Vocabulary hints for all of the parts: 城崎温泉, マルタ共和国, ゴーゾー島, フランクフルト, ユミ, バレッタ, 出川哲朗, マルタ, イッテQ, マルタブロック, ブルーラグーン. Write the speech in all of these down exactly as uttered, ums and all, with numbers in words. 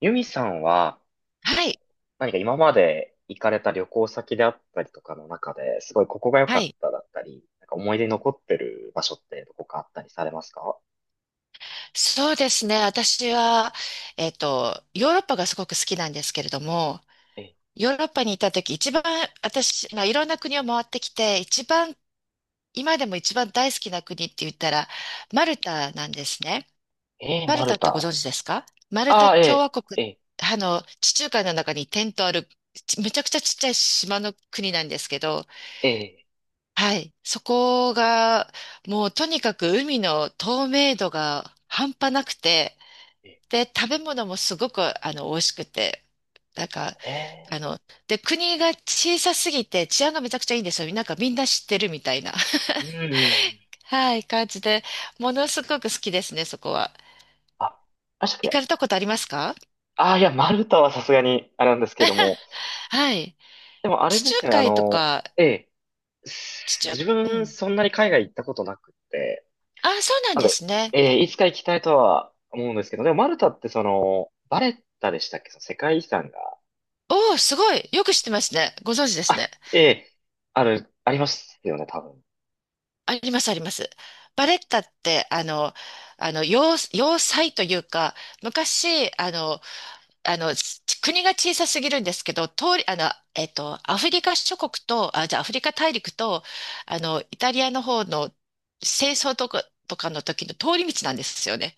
ユミさんは、はい。何か今まで行かれた旅行先であったりとかの中で、すごいここが良はかっい。ただったり、なんか思い出に残ってる場所ってどこかあったりされますか？そうですね。私は、えっと、ヨーロッパがすごく好きなんですけれども、え、ヨーロッパにいた時、一番私、まあ、いろんな国を回ってきて、一番、今でも一番大好きな国って言ったら、マルタなんですね。えー、ママルタルってご存タ。知ですか？マルタああ、共え和国、ー、えあの、地中海の中に点とある、ちめちゃくちゃちっちゃい島の国なんですけど、ー、えはい。そこが、もうとにかく海の透明度が半端なくて、ー、えで、食べ物もすごく、あの、美味しくて、なんか、ー、えあの、で、国が小さすぎて治安がめちゃくちゃいいんですよ。なんかみんな知ってるみたいな、ー、うん。はい、感じで、ものすごく好きですね、そこは。あ、あしたっ行かけ。れたことありますか？ああ、いや、マルタはさすがにあれなんですけども、はい。でもあれ地で中すね、あ海との、か、えー、す地中、自う分ん。そんなに海外行ったことなくて、あ、そうなんなんでで、すね。えーいつか行きたいとは思うんですけど、でもマルタってその、バレッタでしたっけ、その世界遺産が。おお、すごい。よく知ってますね。ご存知ですあ、ね。ええ、ある、ありますよね、多分。あります、あります。バレッタって、あの、あの、要、要塞というか、昔、あの、あの、ち国が小さすぎるんですけど、通り、あの、えっと、アフリカ諸国と、あ、じゃあアフリカ大陸と、あの、イタリアの方の戦争とか、とかの時の通り道なんですよね。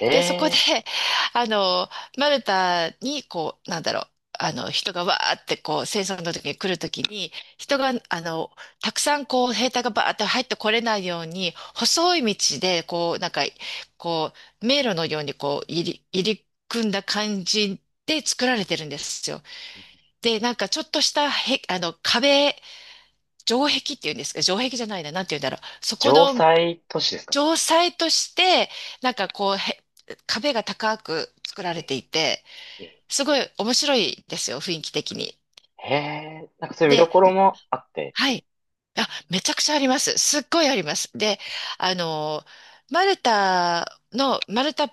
えで、そこで、え、 あの、マルタに、こう、なんだろう、あの、人がわーって、こう、戦争の時に来る時に、人が、あの、たくさん、こう、兵隊がバーって入ってこれないように、細い道で、こう、なんか、こう、迷路のように、こう、入り、入り組んだ感じで作られてるんですよ。で、なんか、ちょっとした、へ、あの、壁、城壁っていうんですか、城壁じゃないな、なんて言うんだろう。そこ城の塞都市ですかね。城塞として、なんかこう、へ壁が高く作られていて、ええ、すごい面白いですよ、雰囲気的に。ええ、なんかそういう見どで、ころもあって、はえい。あ、めちゃくちゃあります。すっごいあります。で、あの、マルタの、マルタ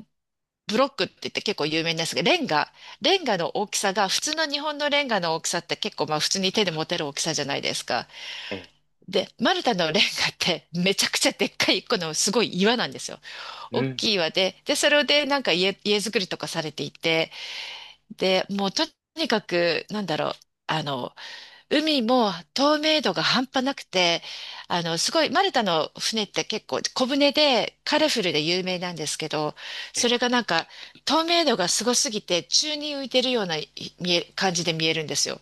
ブロックって言って結構有名なんですが、レンガ、レンガの大きさが、普通の日本のレンガの大きさって結構まあ普通に手で持てる大きさじゃないですか。え、ええ、で、マルタのレンガってめちゃくちゃでっかい、このすごい岩なんですよ。う大ん、きい輪で、で、それでなんか家、家作りとかされていて、で、もうとにかく、なんだろう、あの、海も透明度が半端なくて、あの、すごい、マルタの船って結構小舟でカラフルで有名なんですけど、えそれがなんか透明度がすごすぎて宙に浮いてるような見え、感じで見えるんですよ。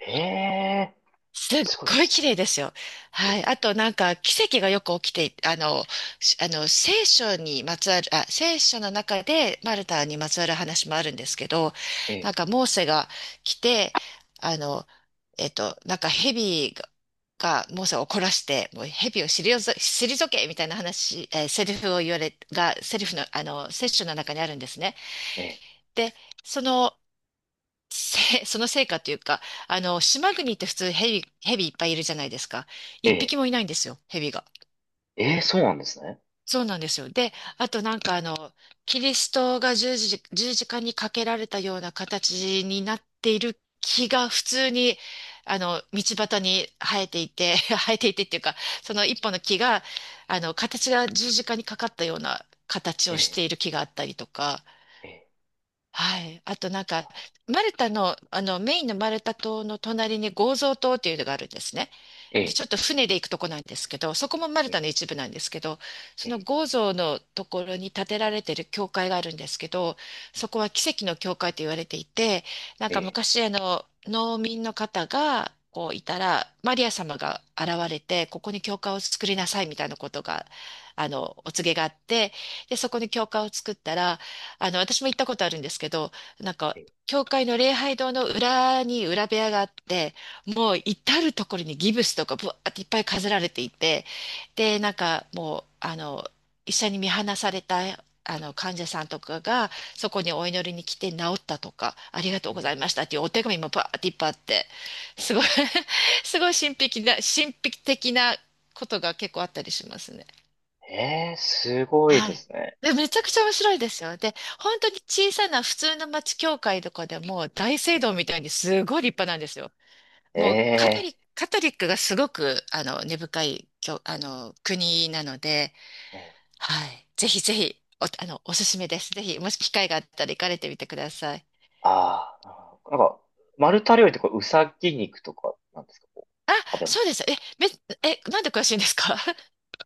え、ええ、すっすごいでごいすね。綺麗ですよ。はい。あえとなんか奇跡がよく起きてい、あの、しあの、聖書にまつわる、あ、聖書の中でマルタえ、にまつわる話もあるんですけど、えなんかモーセが来て、あの、えっと、なんか蛇が、がモーセを怒らして、もう蛇を退ぞ退けみたいな話、えーセリフを言われ、が、セリフの、あの、聖書の中にあるんですね。え、えで、その、せ、その成果というか、あの、島国って普通ヘビ、ヘビいっぱいいるじゃないですか。一え、匹もえいないんですよ、ヘビが。え、えそうなんですね。そうなんですよ。で、あとなんかあの、キリストが十字、十字架にかけられたような形になっている木が普通に、あの、道端に生えていて、生えていてっていうか、その一本の木が、あの、形が十字架にかかったような形をしてえいる木があったりとか、え、えはい。あとなんか、マルタの、あの、メインのマルタ島の隣にゴーゾー島っていうのがあるんですね。え、で、えちょっと船で行くとこなんですけど、そこもマルえ、タのえ一部なんですけど、え、そのえゴーゾーのところに建てられてる教会があるんですけど、そこは奇跡の教会と言われていて、なんかえ、え昔、あの、農民の方が、こういたら、マリア様が現れて、ここに教会を作りなさいみたいなことが、あの、お告げがあって、で、そこに教会を作ったら、あの、私も行ったことあるんですけど、なんか、え、え教会の礼拝堂の裏に裏部屋があって、もう至るところにギブスとかぶわーっていっぱい飾られていて、で、なんかもう、あの、医者に見放された、あの、患者さんとかが、そこにお祈りに来て治ったとか、ありがとうございましたっていうお手紙もバーっていっぱいあって、すえ、ごい すごい神秘的な、神秘的なことが結構あったりしますね。ええ、すごいはでい。すね。で、めちゃくちゃ面白いですよ。で、本当に小さな普通の町教会とかでも大聖え堂みたいにすごい立派なんですよ。もうカトえ、リック、カトリックがすごく、あの、根深い教、あの、国なので、ええ、はい。ぜひぜひ、お、あの、おすすめです。ぜひ、もし機会があったら行かれてみてください。ああ、なんか、マルタ料理ってこう、うさぎ肉とかなんですか、こあ、う、食べ物。そうです。え、め、え、なんで詳しいんですか？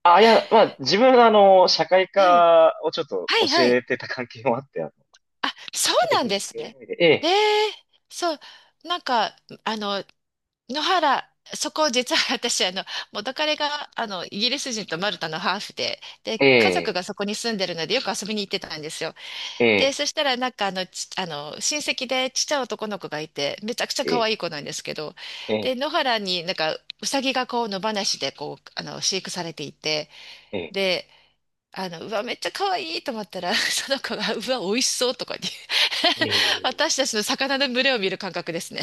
あ、いや、まあ、自分、あの、社会はい。科をちょっとはい教はい。えてた関係もあって、あの、あ、そうちょっとそなうんいうです読みね。込みで、えええ、そう。なんか、あの、野原、そこ実は私、あの、元彼が、あの、イギリス人とマルタのハーフで、え、で、家族ええ、がそこに住んでるので、よく遊びに行ってたんですよ。で、えそしたら、なんか、あの、ち、あの、親戚でちっちゃい男の子がいて、めちゃくちゃ可え、愛い子なんですけど、えで、え、野原になんか、ウサギがこう、野放しで、こう、あの、飼育されていて、ええ、で、あの、うわ、めっちゃ可愛いと思ったら、その子が、うわ、美味しそうとかに え私たちの魚の群れを見る感覚ですね。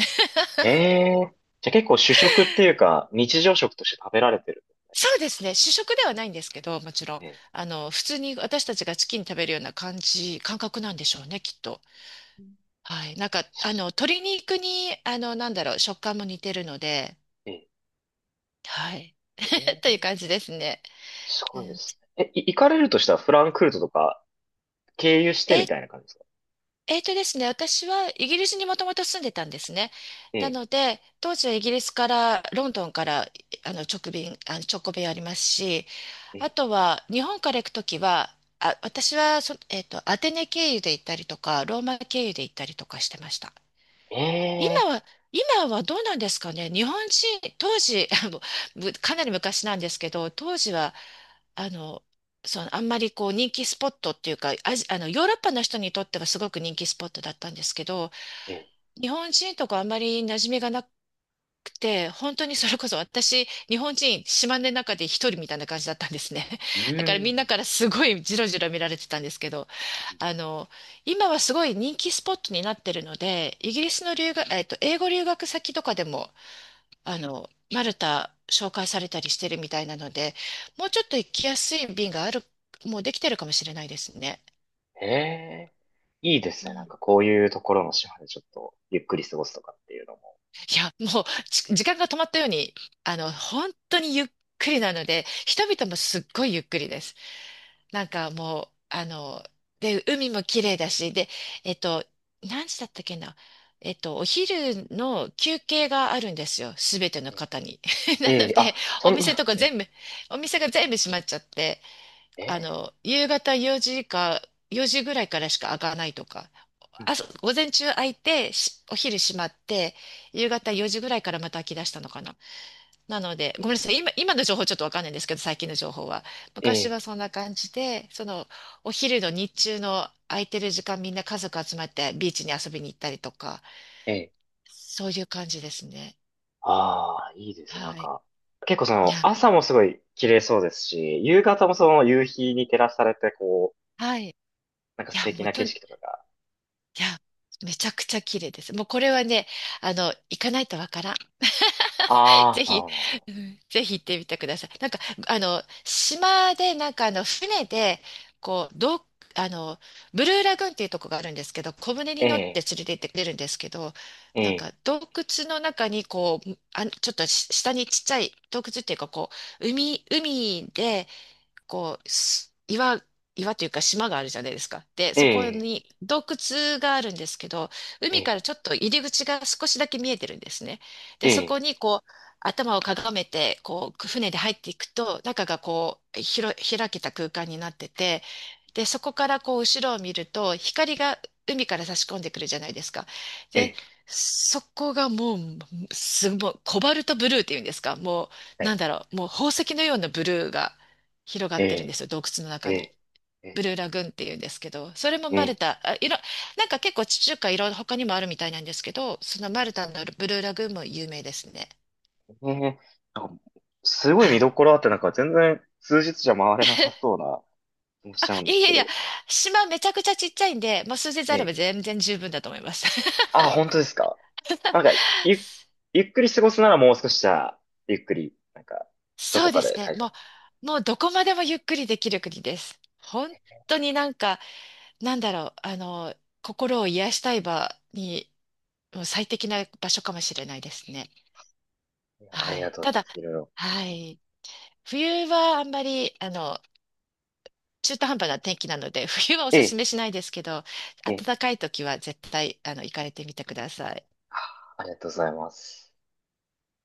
え、ええ、じゃあ結構主食っていうか、日常食として食べられてる。そうですね。主食ではないんですけど、もちろん。ええ、あの、普通に私たちがチキン食べるような感じ、感覚なんでしょうね、きっと。はい。なんか、あの、鶏肉に、あの、なんだろう、食感も似てるので、えはい。え、といえう感じですね。すうごいでん、すね。え、い行かれるとしたらフランクフルトとか経由してえ、みたいな感じですか？えーとですね、私はイギリスにもともと住んでたんですね。えなえ、ので、当時はイギリスから、ロンドンから、あの、直便、あの、直行便ありますし、えあえ、とは、日本から行くときは、あ、私はそ、えっと、アテネ経由で行ったりとか、ローマ経由で行ったりとかしてました。え今え、は、今はどうなんですかね。日本人、当時、あのむかなり昔なんですけど、当時は、あの、その、あんまりこう人気スポットっていうか、アジあの、ヨーロッパの人にとってはすごく人気スポットだったんですけど、ええ、日本人とかあんまり馴染みがなくて、本当にそれこそ私、日本人、島根の中で一人みたいな感じだったんですね。う だからみんなん、からすごいジロジロ見られてたんですけど、あの、今はすごい人気スポットになってるので、イギリスの留学、えっと、英語留学先とかでも、あの、マルタ紹介されたりしてるみたいなので、もうちょっと行きやすい便がある、もうできてるかもしれないですね。ええ、いいですうね。なんん、かこういうところの島でちょっとゆっくり過ごすとかっていうのも。いや、もう、ち時間が止まったように、あの、本当にゆっくりなので、人々もすっごいゆっくりです。なんかもう、あの、で、海も綺麗だし、で、えっと、何時だったっけな。えっと、お昼の休憩があるんですよ。すべてのええ、方に。えなのえ、で、あ、そおん店な と かえ全部、お店が全部閉まっちゃって、え、えあえ、の、夕方よじか、よじぐらいからしか開かないとか、うん、朝、午前中開いて、しお昼閉まって、夕方よじぐらいからまた開き出したのかな。なので、えごめんなさえ、い。今、今の情報ちょっとわかんないんですけど、最近の情報は。え昔え、はそんな感じで、その、お昼の日中の空いてる時間みんな家族集まってビーチに遊びに行ったりとか、ええ、そういう感じですね。ああ、いいですね。なんはい。か、結構そいのや、朝もすごい綺麗そうですし、夕方もその夕日に照らされてこう、はい。いなんか素や、敵もうなと、景い色とかが。や、めちゃくちゃ綺麗です。もうこれはね、あの、行かないとわからん。ああ、ぜなるひ、ほど、なるほど。うんぜひ行ってみてください。なんか、あの、島で、なんか、あの、船で、こう、どう、あの、ブルーラグーンっていうとこがあるんですけど、小舟にえ乗ってえ、連れて行ってくれるんですけど、えなんえ、か、洞窟の中に、こう、あ、ちょっとし下にちっちゃい洞窟っていうか、こう、海、海で、こう、し岩、岩というか島があるじゃないですか。で、えそこえ、に洞窟があるんですけど、え海かえ、らちょっと入り口が少しだけ見えてるんですね。えで、そこえ、にこう、頭をかがめて、こう、船で入っていくと、中がこう、ひろ、開けた空間になってて、で、そこからこう、後ろを見ると、光が海から差し込んでくるじゃないですか。で、そこがもう、すごい、コバルトブルーっていうんですか、もう、えなえ、んだろう、もう宝石のようなブルーが広がえってるんでえ、すよ、洞窟のえ中に。え、えブえ、ルーラグーンっていうんですけど、それもえマルえ、タ、あ、いろ、なんか結構地中海いろいろ他にもあるみたいなんですけど、そのマルタのブルーラグーンも有名ですね。えなんか、すごいは見どい。ころあって、なんか全然数日じゃ回れなさそうな気もしあ、ちゃうんいでやいすやけいや、ど。島めちゃくちゃちっちゃいんで、もう数日えあれえ。ば全然十分だと思います。あ、本当ですか。なんか、ゆ、ゆっくり過ごすならもう少しじゃあ、ゆっくり、なんか、どそこうかですでね。滞も在。う、もうどこまでもゆっくりできる国です。本当になんか、なんだろう、あの、心を癒したい場に、もう最適な場所かもしれないですね。いや、あはりがい。とうごたざいまだ、す。いろいろ。はい。冬はあんまり、あの、中途半端な天気なので、冬はおえすすえ、めしないですけど、ええ、暖かい時は絶対、あの、行かれてみてください。ありがとうございます。